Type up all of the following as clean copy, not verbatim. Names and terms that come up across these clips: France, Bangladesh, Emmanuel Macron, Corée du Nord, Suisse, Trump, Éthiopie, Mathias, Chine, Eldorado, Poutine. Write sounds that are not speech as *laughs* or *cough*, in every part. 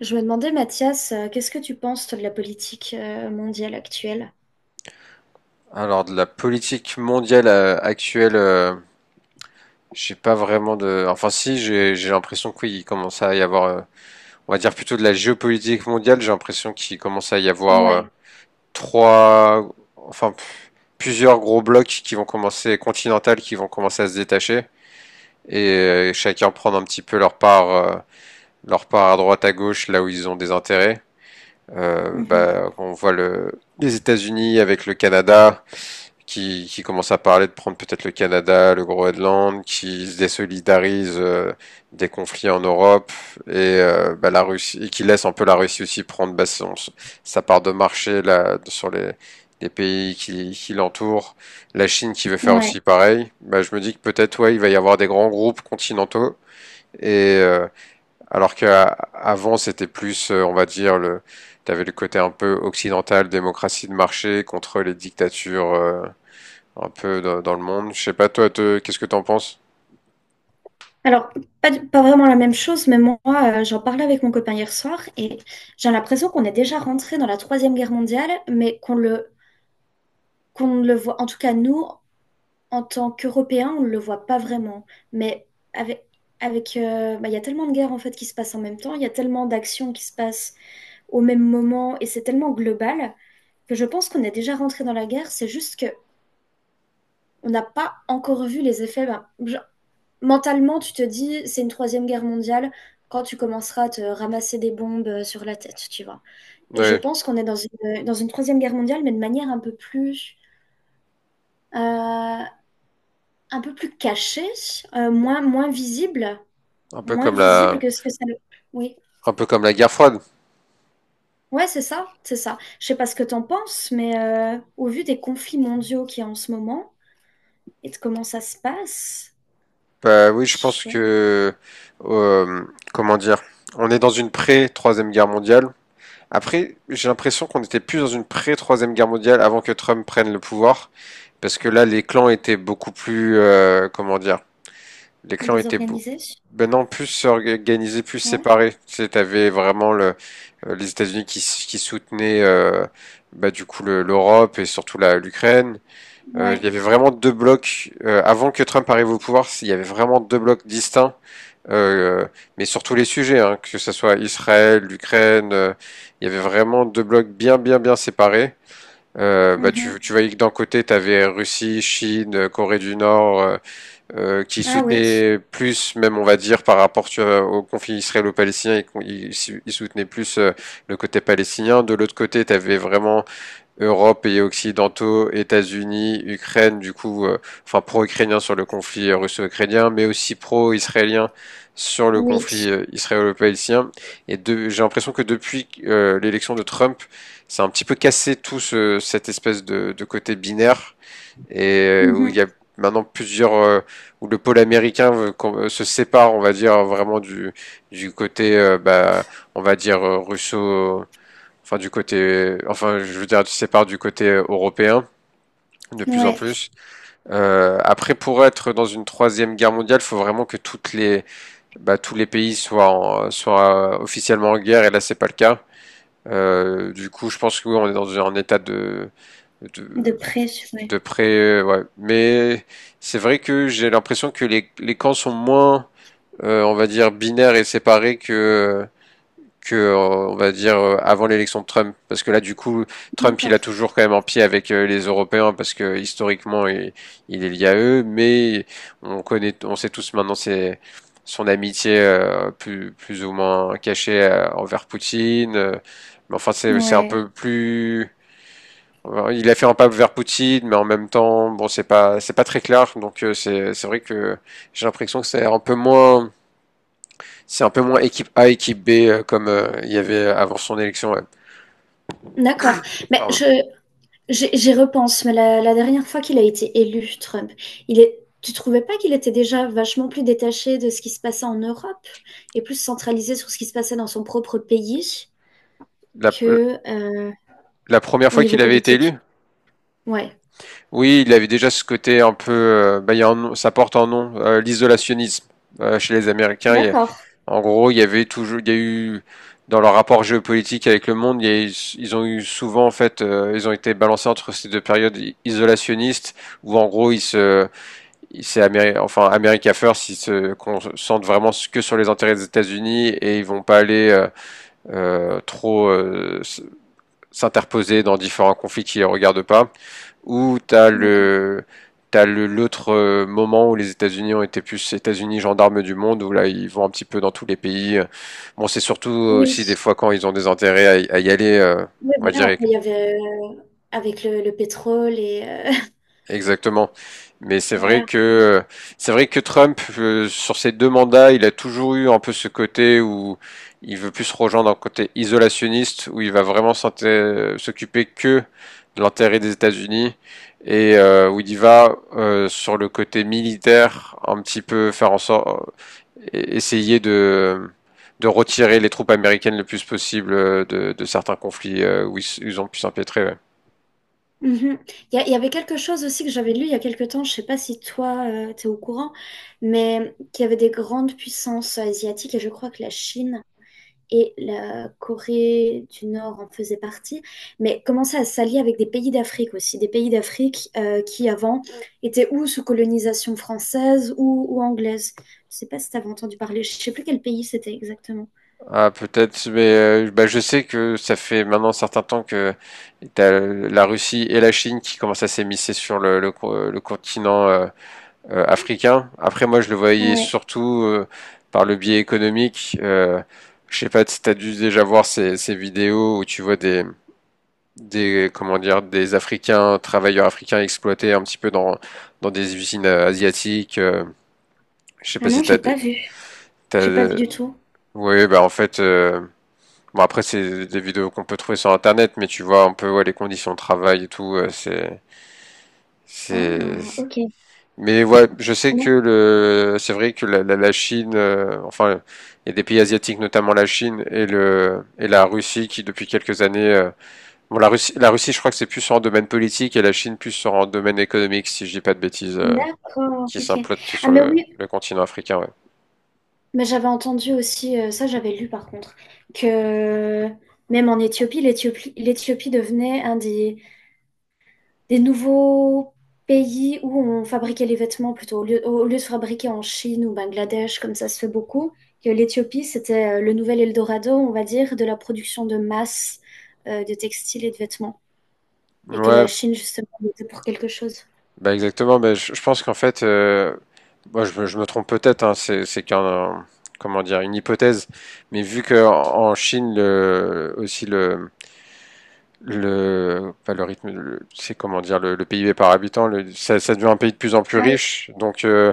Je me demandais, Mathias, qu'est-ce que tu penses toi, de la politique mondiale actuelle? Alors de la politique mondiale actuelle, j'ai pas vraiment de. Enfin si, j'ai l'impression qu'il oui, commence à y avoir. On va dire plutôt de la géopolitique mondiale. J'ai l'impression qu'il commence à y avoir Ouais. trois, enfin p- plusieurs gros blocs qui vont commencer continentales qui vont commencer à se détacher et chacun prendre un petit peu leur part à droite à gauche là où ils ont des intérêts. Mhm. Bah, on voit le les États-Unis avec le Canada, qui commence à parler de prendre peut-être le Canada, le Groenland, qui se désolidarise des conflits en Europe et bah, la Russie, et qui laisse un peu la Russie aussi prendre bah, sa part de marché là sur les pays qui l'entourent. La Chine qui veut faire Ouais. aussi pareil. Bah, je me dis que peut-être ouais, il va y avoir des grands groupes continentaux et alors qu'avant c'était plus, on va dire le t'avais le côté un peu occidental, démocratie de marché contre les dictatures un peu dans le monde. Je sais pas toi, qu'est-ce que t'en penses? Alors, pas vraiment la même chose, mais moi, j'en parlais avec mon copain hier soir et j'ai l'impression qu'on est déjà rentré dans la Troisième Guerre mondiale, mais qu'on ne le voit, en tout cas nous, en tant qu'Européen, on ne le voit pas vraiment. Mais avec, avec, bah, il y a tellement de guerres en fait qui se passent en même temps, il y a tellement d'actions qui se passent au même moment, et c'est tellement global que je pense qu'on est déjà rentré dans la guerre. C'est juste que on n'a pas encore vu les effets. Ben, genre, mentalement, tu te dis, c'est une troisième guerre mondiale quand tu commenceras à te ramasser des bombes sur la tête, tu vois. Et je Oui, pense qu'on est dans dans une troisième guerre mondiale, mais de manière euh, un peu plus caché, euh, moins, moins visible, un peu moins comme visible la, que ce que ça... Oui, un peu comme la guerre froide. ouais, c'est ça, c'est ça. Je sais pas ce que t'en penses, mais au vu des conflits mondiaux qu'il y a en ce moment et de comment ça se passe, Bah oui, ouais, euh, comment dire, on est dans une pré-troisième guerre mondiale. Après, j'ai l'impression qu'on était plus dans une pré-troisième guerre mondiale avant que Trump prenne le pouvoir, parce que là, les clans étaient beaucoup plus, comment dire. Les clans étaient bou- désorganisé, Maintenant plus organisés, plus ouais, séparés. Tu sais, t'avais vraiment le, les États-Unis qui soutenaient bah, du coup l'Europe et surtout l'Ukraine. Il y ouais, avait vraiment deux blocs. Avant que Trump arrive au pouvoir, il y avait vraiment deux blocs distincts. euh, mais sur tous les sujets, hein, que ce soit Israël, l'Ukraine, il y avait vraiment deux blocs bien, bien, bien séparés. Mhm. Tu voyais que d'un côté, tu avais Russie, Chine, Corée du Nord, qui Ah oui, soutenait plus, même on va dire par rapport tu vois, au conflit israélo-palestinien, il soutenait plus le côté palestinien. De l'autre côté, tu avais vraiment Europe, pays occidentaux, États-Unis, Ukraine, du coup, enfin pro-ukrainien sur le conflit russo-ukrainien, mais aussi pro-israélien sur le oui, conflit israélo-palestinien. Et de, j'ai l'impression que depuis l'élection de Trump, c'est un petit peu cassé tout cette espèce de côté binaire et où il mhm. y a maintenant plusieurs où le pôle américain veut qu'on se sépare, on va dire vraiment du côté bah on va dire russo enfin du côté enfin je veux dire se sépare du côté européen de plus en Ouais, plus. Après pour être dans une troisième guerre mondiale, faut vraiment que toutes les bah, tous les pays soient soient officiellement en guerre et là c'est pas le cas. Du coup, je pense que oui, on est dans un état de de de près, ouais. de près, ouais. Mais c'est vrai que j'ai l'impression que les camps sont moins, on va dire, binaires et séparés que on va dire, avant l'élection de Trump. Parce que là, du coup, Trump, il D'accord, a toujours quand même un pied avec les Européens parce que historiquement, il est lié à eux. Mais on connaît, on sait tous maintenant c'est son amitié plus ou moins cachée envers Poutine. Mais enfin, c'est un ouais, peu plus alors, il a fait un pas vers Poutine, mais en même temps, bon, c'est pas très clair. Donc c'est vrai que j'ai l'impression que c'est un peu moins, c'est un peu moins équipe A, équipe B comme il y avait avant son élection. Ouais. d'accord. Mais Pardon. je, j'y repense, mais la dernière fois qu'il a été élu, Trump, tu trouvais pas qu'il était déjà vachement plus détaché de ce qui se passait en Europe et plus centralisé sur ce qui se passait dans son propre pays La, que la première au fois niveau qu'il avait été élu. politique? Ouais. Oui, il avait déjà ce côté un peu, bah, il y a un nom- ça porte un nom, l'isolationnisme chez les Américains. D'accord. En gros, il y a eu dans leur rapport géopolitique avec le monde, il y a eu- ils ont eu souvent en fait, ils ont été balancés entre ces deux périodes isolationnistes où en gros c'est enfin America First, ils se concentrent vraiment que sur les intérêts des États-Unis et ils vont pas aller euh, trop euh, s- s'interposer dans différents conflits qui les regardent pas. Ou D'accord. T'as le l'autre moment où les États-Unis ont été plus États-Unis gendarmes du monde où là ils vont un petit peu dans tous les pays. Bon, c'est surtout Oui. aussi des fois quand ils ont des intérêts à y aller, Oui, on va voilà. dire Après, il y avait avec le pétrole et exactement. Mais *laughs* voilà. C'est vrai que Trump, sur ses deux mandats, il a toujours eu un peu ce côté où il veut plus se rejoindre un côté isolationniste, où il va vraiment s'occuper que de l'intérêt des États-Unis et où il y va sur le côté militaire, un petit peu faire en sorte, essayer de retirer les troupes américaines le plus possible de certains conflits ils ont pu s'empêtrer. Ouais. Mhm. Il y avait quelque chose aussi que j'avais lu il y a quelque temps. Je sais pas si toi tu es au courant, mais qu'il y avait des grandes puissances asiatiques et je crois que la Chine et la Corée du Nord en faisait partie, mais commençait à s'allier avec des pays d'Afrique aussi, des pays d'Afrique qui avant étaient ou sous colonisation française ou anglaise. Je sais pas si tu avais entendu parler, je sais plus quel pays c'était exactement. Ah, peut-être, mais bah, je sais que ça fait maintenant un certain temps que t'as la Russie et la Chine qui commencent à s'émisser sur le continent africain. Après, moi, je le voyais Ouais. surtout par le biais économique. Je sais pas si t'as dû déjà voir ces vidéos où tu vois comment dire, des Africains, travailleurs africains exploités un petit peu dans des usines asiatiques. Je sais pas Ah non, si j'ai t'as, pas vu. J'ai pas vu t'as, du tout. Ouais, bah en fait. Bon, après, c'est des vidéos qu'on peut trouver sur Internet, mais tu vois un peu ouais, les conditions de travail et tout. C'est, c'est. Ah, ok. Mais ouais, je sais Ah non. C'est vrai que la Chine, enfin, il y a des pays asiatiques, notamment la Chine et le et la Russie, qui depuis quelques années, bon, la Russie, je crois que c'est plus sur un domaine politique et la Chine plus sur un domaine économique, si je dis pas de bêtises, D'accord, qui ok. s'implotent Ah sur mais oui, le continent africain. Ouais, mais j'avais entendu aussi, ça j'avais lu par contre, que même en Éthiopie, l'Éthiopie devenait un des nouveaux pays où on fabriquait les vêtements plutôt, au lieu de fabriquer en Chine ou Bangladesh, comme ça se fait beaucoup, que l'Éthiopie, c'était le nouvel Eldorado, on va dire, de la production de masse de textiles et de vêtements, et que ouais, la Chine, justement, était pour quelque chose. bah exactement, bah, je pense qu'en fait, je me trompe peut-être, hein, comment dire, une hypothèse, mais vu que en Chine, le, aussi le, pas le rythme, le- c'est comment dire, le PIB par habitant, ça devient un pays de plus en plus Ah oui. riche, donc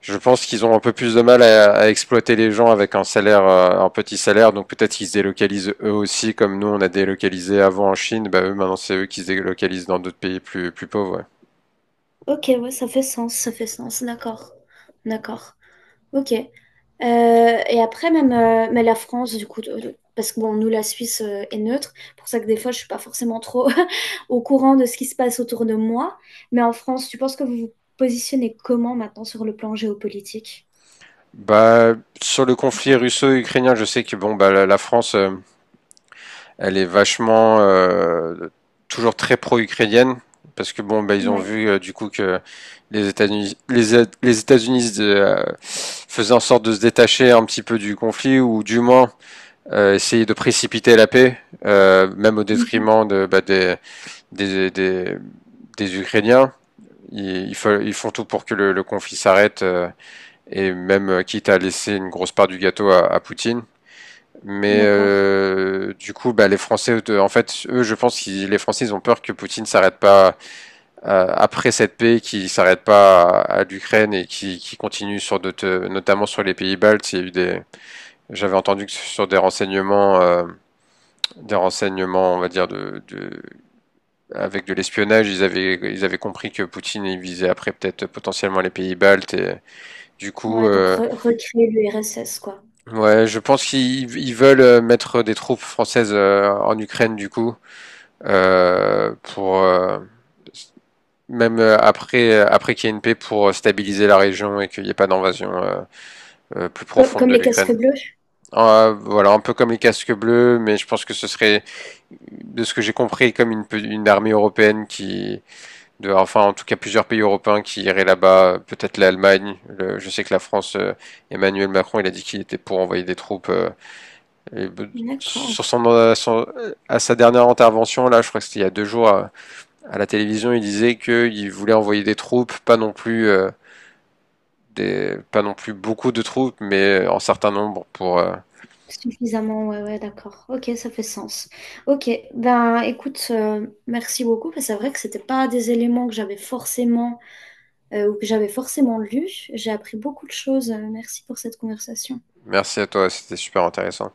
je pense qu'ils ont un peu plus de mal à exploiter les gens avec un salaire, un petit salaire, donc peut-être qu'ils se délocalisent eux aussi, comme nous on a délocalisé avant en Chine, bah eux maintenant c'est eux qui se délocalisent dans d'autres pays plus, plus pauvres. Ouais. Ok, ouais, ça fait sens, d'accord, d'accord. Ok. Et après, même mais la France, du coup, parce que bon, nous, la Suisse est neutre, pour ça que des fois, je suis pas forcément trop *laughs* au courant de ce qui se passe autour de moi. Mais en France, tu penses que vous vous positionnez comment maintenant sur le plan géopolitique? Bah, sur le conflit Voilà. russo-ukrainien, je sais que bon, bah, la France, elle est vachement toujours très pro-ukrainienne parce que bon, bah, ils ont Ouais. vu du coup que les États-Unis faisaient en sorte de se détacher un petit peu du conflit ou du moins essayer de précipiter la paix, même au Mhm. détriment de, bah, des, des, des Ukrainiens. Ils font tout pour que le conflit s'arrête. Et même quitte à laisser une grosse part du gâteau à Poutine. Mais D'accord. Du coup, bah, les Français, en fait, eux, je pense que les Français, ils ont peur que Poutine s'arrête pas après cette paix, qu'il s'arrête pas à l'Ukraine et qu'il continue sur d'autres, notamment sur les pays baltes. Il y a eu des, J'avais entendu que sur des renseignements, on va dire de avec de l'espionnage, ils avaient compris que Poutine il visait après peut-être potentiellement les pays baltes et du coup, Ouais, donc recréer l'URSS, quoi. ouais, je pense qu'ils veulent mettre des troupes françaises en Ukraine du coup pour même après après qu'il y ait une paix pour stabiliser la région et qu'il n'y ait pas d'invasion plus profonde Comme de les l'Ukraine. casques bleus? Voilà, un peu comme les casques bleus, mais je pense que ce serait de ce que j'ai compris comme une armée européenne qui de enfin en tout cas plusieurs pays européens qui iraient là-bas, peut-être l'Allemagne, je sais que la France Emmanuel Macron, il a dit qu'il était pour envoyer des troupes et euh, D'accord. sur son, à sa dernière intervention, là, je crois que c'était il y a deux jours à la télévision, il disait qu'il voulait envoyer des troupes, pas non plus pas non plus beaucoup de troupes, mais en certain nombre pour. Suffisamment, ouais, ouais, d'accord. Ok, ça fait sens. Ok, ben écoute, merci beaucoup. Parce que c'est vrai que c'était pas des éléments que j'avais forcément ou que j'avais forcément lus. J'ai appris beaucoup de choses. Merci pour cette conversation. Merci à toi, c'était super intéressant.